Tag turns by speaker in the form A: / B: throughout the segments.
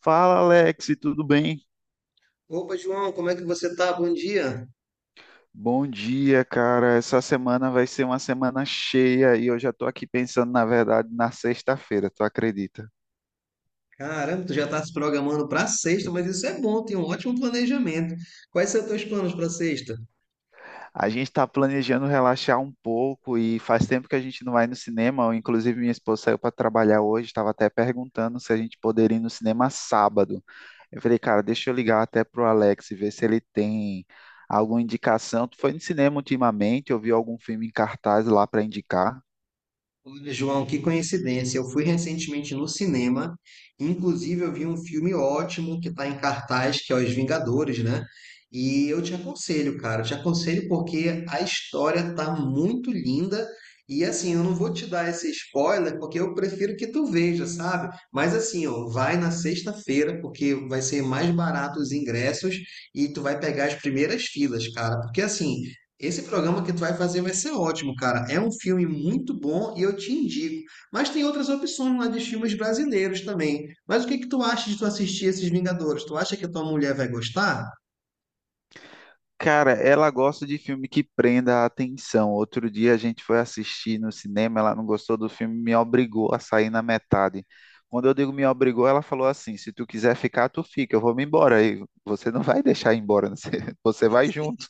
A: Fala, Alex, tudo bem?
B: Opa, João, como é que você tá? Bom dia.
A: Bom dia, cara. Essa semana vai ser uma semana cheia e eu já tô aqui pensando, na verdade, na sexta-feira, tu acredita?
B: Caramba, tu já tá se programando para sexta, mas isso é bom, tem um ótimo planejamento. Quais são os teus planos para sexta?
A: A gente tá planejando relaxar um pouco e faz tempo que a gente não vai no cinema. Inclusive, minha esposa saiu para trabalhar hoje, estava até perguntando se a gente poderia ir no cinema sábado. Eu falei, cara, deixa eu ligar até pro Alex e ver se ele tem alguma indicação. Tu foi no cinema ultimamente? Eu vi algum filme em cartaz lá para indicar?
B: Olha, João, que coincidência. Eu fui recentemente no cinema, inclusive eu vi um filme ótimo que está em cartaz, que é Os Vingadores, né? E eu te aconselho, cara, eu te aconselho porque a história tá muito linda. E assim, eu não vou te dar esse spoiler porque eu prefiro que tu veja, sabe? Mas assim, ó, vai na sexta-feira porque vai ser mais barato os ingressos e tu vai pegar as primeiras filas, cara. Porque assim, esse programa que tu vai fazer vai ser ótimo, cara. É um filme muito bom e eu te indico. Mas tem outras opções lá de filmes brasileiros também. Mas o que que tu acha de tu assistir esses Vingadores? Tu acha que a tua mulher vai gostar?
A: Cara, ela gosta de filme que prenda a atenção. Outro dia a gente foi assistir no cinema, ela não gostou do filme, me obrigou a sair na metade. Quando eu digo me obrigou, ela falou assim: se tu quiser ficar, tu fica, eu vou me embora. E você não vai deixar ir embora, né? Você vai junto.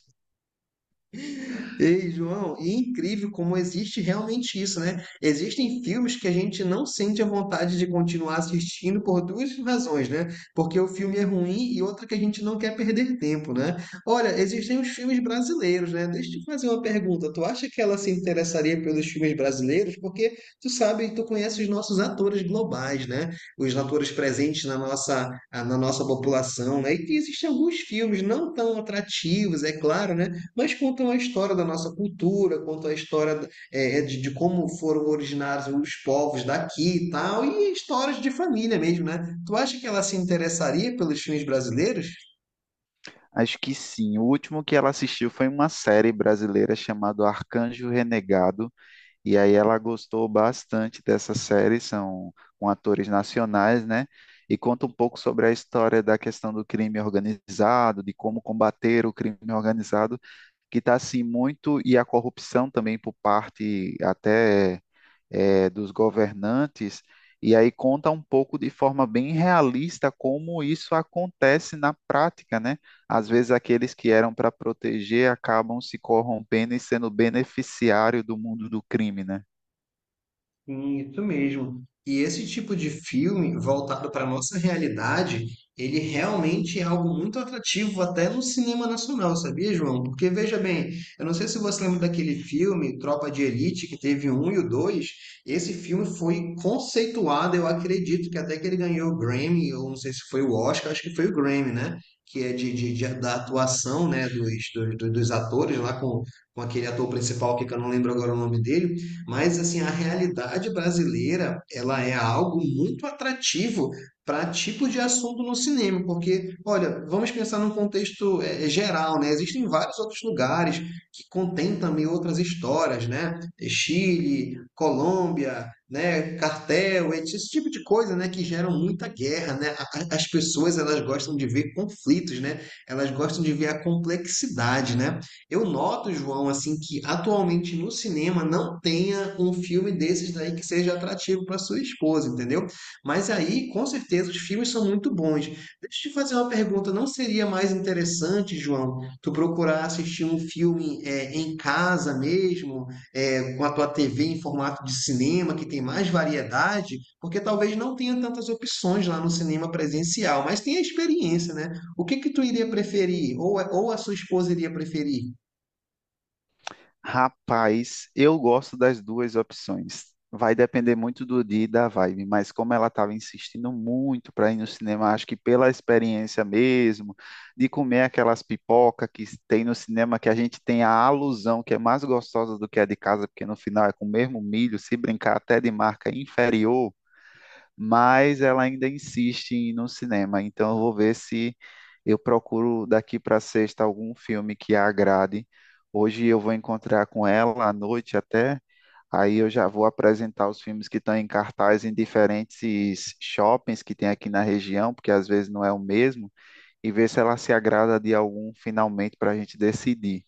B: Ei, João, e é incrível como existe realmente isso, né? Existem filmes que a gente não sente a vontade de continuar assistindo por duas razões, né? Porque o filme é ruim e outra que a gente não quer perder tempo, né? Olha, existem os filmes brasileiros, né? Deixa eu te fazer uma pergunta. Tu acha que ela se interessaria pelos filmes brasileiros? Porque tu sabe, tu conhece os nossos atores globais, né? Os atores presentes na nossa população, né? E que existem alguns filmes não tão atrativos, é claro, né? mas contam a história da nossa cultura, contam a história de como foram originados os povos daqui e tal, e histórias de família mesmo, né? Tu acha que ela se interessaria pelos filmes brasileiros?
A: Acho que sim. O último que ela assistiu foi uma série brasileira chamada Arcanjo Renegado. E aí ela gostou bastante dessa série, são com atores nacionais, né? E conta um pouco sobre a história da questão do crime organizado, de como combater o crime organizado, que está assim muito, e a corrupção também por parte até dos governantes. E aí conta um pouco de forma bem realista como isso acontece na prática, né? Às vezes aqueles que eram para proteger acabam se corrompendo e sendo beneficiário do mundo do crime, né?
B: Sim, isso mesmo. E esse tipo de filme voltado para a nossa realidade, ele realmente é algo muito atrativo até no cinema nacional, sabia, João? Porque veja bem, eu não sei se você lembra daquele filme Tropa de Elite, que teve o um e o dois. Esse filme foi conceituado, eu acredito que até que ele ganhou o Grammy, ou não sei se foi o Oscar, acho que foi o Grammy, né? Que é da atuação, né, dos, dos atores lá com aquele ator principal que eu não lembro agora o nome dele. Mas assim, a realidade brasileira, ela é algo muito atrativo para tipo de assunto no cinema, porque, olha, vamos pensar num contexto geral, né? Existem vários outros lugares que contêm também outras histórias, né? É Chile, Colômbia, né? Cartel, etc. esse tipo de coisa, né? Que geram muita guerra, né? As pessoas, elas gostam de ver conflitos, né? Elas gostam de ver a complexidade, né? Eu noto, João, assim, que atualmente no cinema não tenha um filme desses daí que seja atrativo para sua esposa, entendeu? Mas aí, com certeza, os filmes são muito bons. Deixa eu te fazer uma pergunta, não seria mais interessante, João, tu procurar assistir um filme em casa mesmo, com a tua TV em formato de cinema, que tem mais variedade? Porque talvez não tenha tantas opções lá no cinema presencial, mas tem a experiência, né? O que que tu iria preferir? Ou a sua esposa iria preferir?
A: Rapaz, eu gosto das duas opções. Vai depender muito do dia e da vibe, mas como ela estava insistindo muito para ir no cinema, acho que pela experiência mesmo, de comer aquelas pipoca que tem no cinema, que a gente tem a alusão que é mais gostosa do que a de casa, porque no final é com o mesmo milho, se brincar até de marca inferior, mas ela ainda insiste em ir no cinema. Então eu vou ver se eu procuro daqui para sexta algum filme que a agrade. Hoje eu vou encontrar com ela à noite até. Aí eu já vou apresentar os filmes que estão em cartaz em diferentes shoppings que tem aqui na região, porque às vezes não é o mesmo, e ver se ela se agrada de algum finalmente para a gente decidir.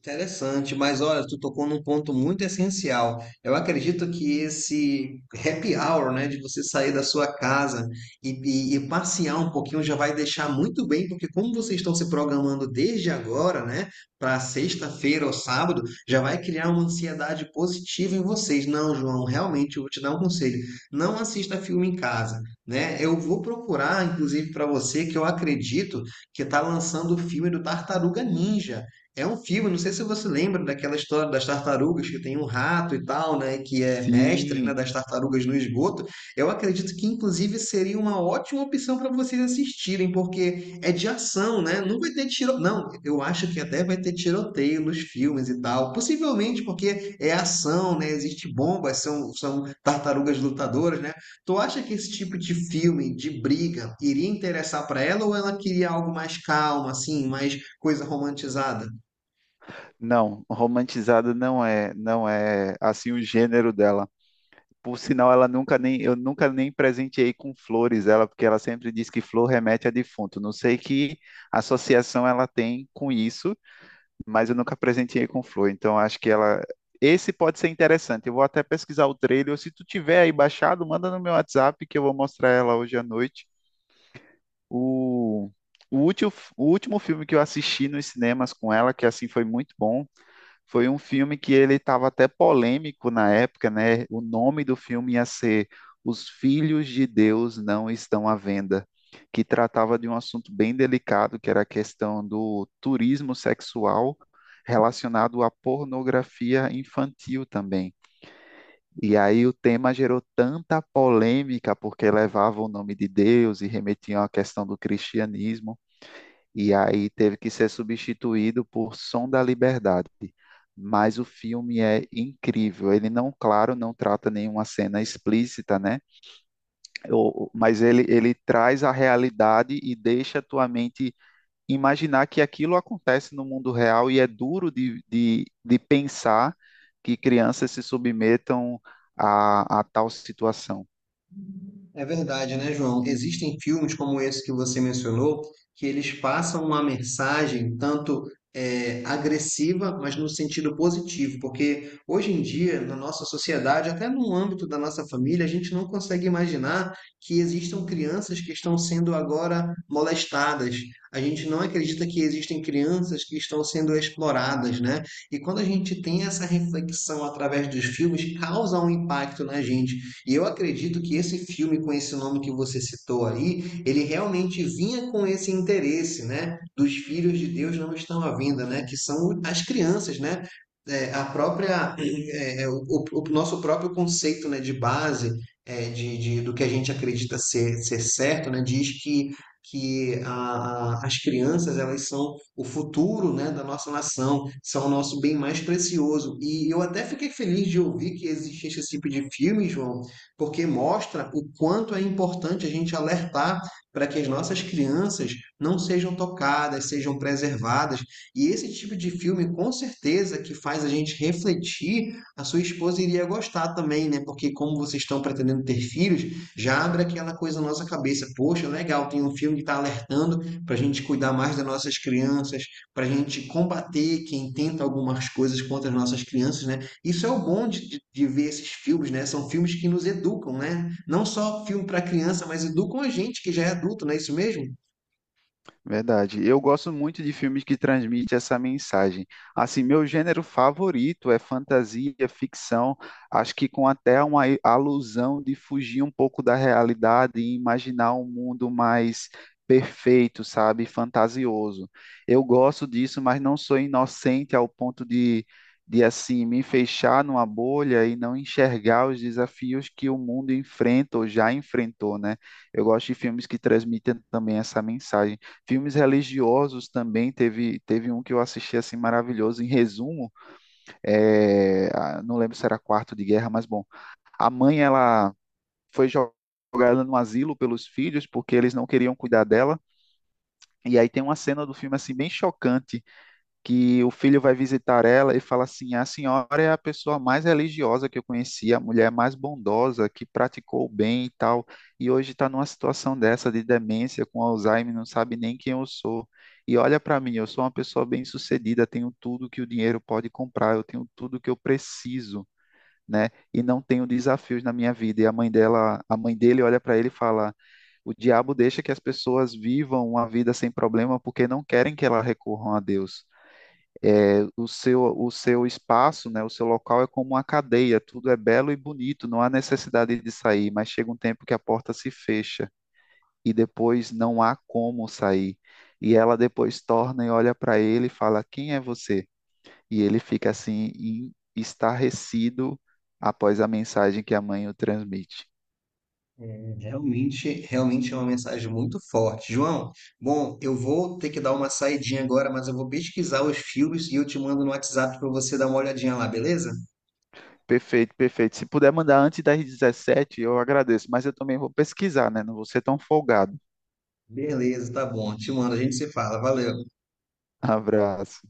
B: Interessante, mas olha, tu tocou num ponto muito essencial. Eu acredito que esse happy hour, né, de você sair da sua casa e passear um pouquinho já vai deixar muito bem, porque como vocês estão se programando desde agora, né, para sexta-feira ou sábado, já vai criar uma ansiedade positiva em vocês. Não, João, realmente eu vou te dar um conselho. Não assista filme em casa, né? Eu vou procurar, inclusive, para você, que eu acredito que está lançando o filme do Tartaruga Ninja. É um filme, não sei se você lembra daquela história das tartarugas, que tem um rato e tal, né, que é mestre, né,
A: Sim,
B: das tartarugas no esgoto. Eu acredito que, inclusive, seria uma ótima opção para vocês assistirem, porque é de ação, né? Não vai ter tiro... Não, eu acho que até vai ter tiroteio nos filmes e tal. Possivelmente porque é ação, né? Existe bombas, são, são tartarugas lutadoras, né? Tu acha que esse tipo de filme, de briga, iria interessar para ela ou ela queria algo mais calmo, assim, mais coisa romantizada?
A: não, romantizada não é, não é assim o gênero dela. Por sinal, ela nunca nem, eu nunca nem presenteei com flores ela, porque ela sempre diz que flor remete a defunto. Não sei que associação ela tem com isso, mas eu nunca presenteei com flor. Então, acho que ela. Esse pode ser interessante. Eu vou até pesquisar o trailer. Ou se tu tiver aí baixado, manda no meu WhatsApp que eu vou mostrar ela hoje à noite. O, o, último, o último filme que eu assisti nos cinemas com ela, que assim foi muito bom, foi um filme que ele estava até polêmico na época, né? O nome do filme ia ser Os Filhos de Deus Não Estão à Venda, que tratava de um assunto bem delicado, que era a questão do turismo sexual relacionado à pornografia infantil também. E aí o tema gerou tanta polêmica, porque levava o nome de Deus e remetiam à questão do cristianismo e aí teve que ser substituído por Som da Liberdade. Mas o filme é incrível. Ele não, claro, não trata nenhuma cena explícita, né? Mas ele traz a realidade e deixa a tua mente imaginar que aquilo acontece no mundo real e é duro de pensar que crianças se submetam a tal situação.
B: É verdade, né, João? Existem filmes como esse que você mencionou que eles passam uma mensagem tanto agressiva, mas no sentido positivo, porque hoje em dia, na nossa sociedade, até no âmbito da nossa família, a gente não consegue imaginar que existam crianças que estão sendo agora molestadas. A gente não acredita que existem crianças que estão sendo exploradas, né? E quando a gente tem essa reflexão através dos filmes, causa um impacto na gente e eu acredito que esse filme, com esse nome que você citou aí, ele realmente vinha com esse interesse, né? Dos filhos de Deus não estão à vinda, né? Que são as crianças, né? É, a própria, o, o nosso próprio conceito, né, de base, de, do que a gente acredita ser, ser certo, né? Diz que as crianças elas são o futuro, né, da nossa nação, são o nosso bem mais precioso. E eu até fiquei feliz de ouvir que existisse esse tipo de filme, João, porque mostra o quanto é importante a gente alertar para que as nossas crianças não sejam tocadas, sejam preservadas. E esse tipo de filme, com certeza, que faz a gente refletir, a sua esposa iria gostar também, né? Porque como vocês estão pretendendo ter filhos, já abre aquela coisa na nossa cabeça. Poxa, legal, tem um filme que está alertando para a gente cuidar mais das nossas crianças, para a gente combater quem tenta algumas coisas contra as nossas crianças, né? Isso é o bom de ver esses filmes, né? São filmes que nos educam, né? Não só filme para criança, mas educam a gente que já é adulto, não é isso mesmo?
A: Verdade. Eu gosto muito de filmes que transmitem essa mensagem. Assim, meu gênero favorito é fantasia, ficção, acho que com até uma alusão de fugir um pouco da realidade e imaginar um mundo mais perfeito, sabe? Fantasioso. Eu gosto disso, mas não sou inocente ao ponto de assim, me fechar numa bolha e não enxergar os desafios que o mundo enfrenta ou já enfrentou, né? Eu gosto de filmes que transmitem também essa mensagem. Filmes religiosos também teve um que eu assisti assim maravilhoso. Em resumo, não lembro se era Quarto de Guerra, mas bom, a mãe ela foi jo- jogada no asilo pelos filhos porque eles não queriam cuidar dela. E aí tem uma cena do filme assim bem chocante que o filho vai visitar ela e fala assim: a senhora é a pessoa mais religiosa que eu conheci, a mulher mais bondosa, que praticou o bem e tal, e hoje está numa situação dessa de demência com Alzheimer, não sabe nem quem eu sou. E olha para mim, eu sou uma pessoa bem-sucedida, tenho tudo que o dinheiro pode comprar, eu tenho tudo que eu preciso, né? E não tenho desafios na minha vida. E a mãe dela, a mãe dele olha para ele e fala: o diabo deixa que as pessoas vivam uma vida sem problema porque não querem que elas recorram a Deus. O seu, o seu espaço, né, o seu local é como uma cadeia, tudo é belo e bonito, não há necessidade de sair, mas chega um tempo que a porta se fecha e depois não há como sair. E ela depois torna e olha para ele e fala: Quem é você? E ele fica assim, estarrecido após a mensagem que a mãe o transmite.
B: É, realmente, realmente é uma mensagem muito forte. João, bom, eu vou ter que dar uma saidinha agora, mas eu vou pesquisar os filmes e eu te mando no WhatsApp para você dar uma olhadinha lá, beleza?
A: Perfeito, perfeito. Se puder mandar antes das 17h eu agradeço, mas eu também vou pesquisar, né? Não vou ser tão folgado.
B: Beleza, tá bom. Te mando, a gente se fala. Valeu.
A: Abraço.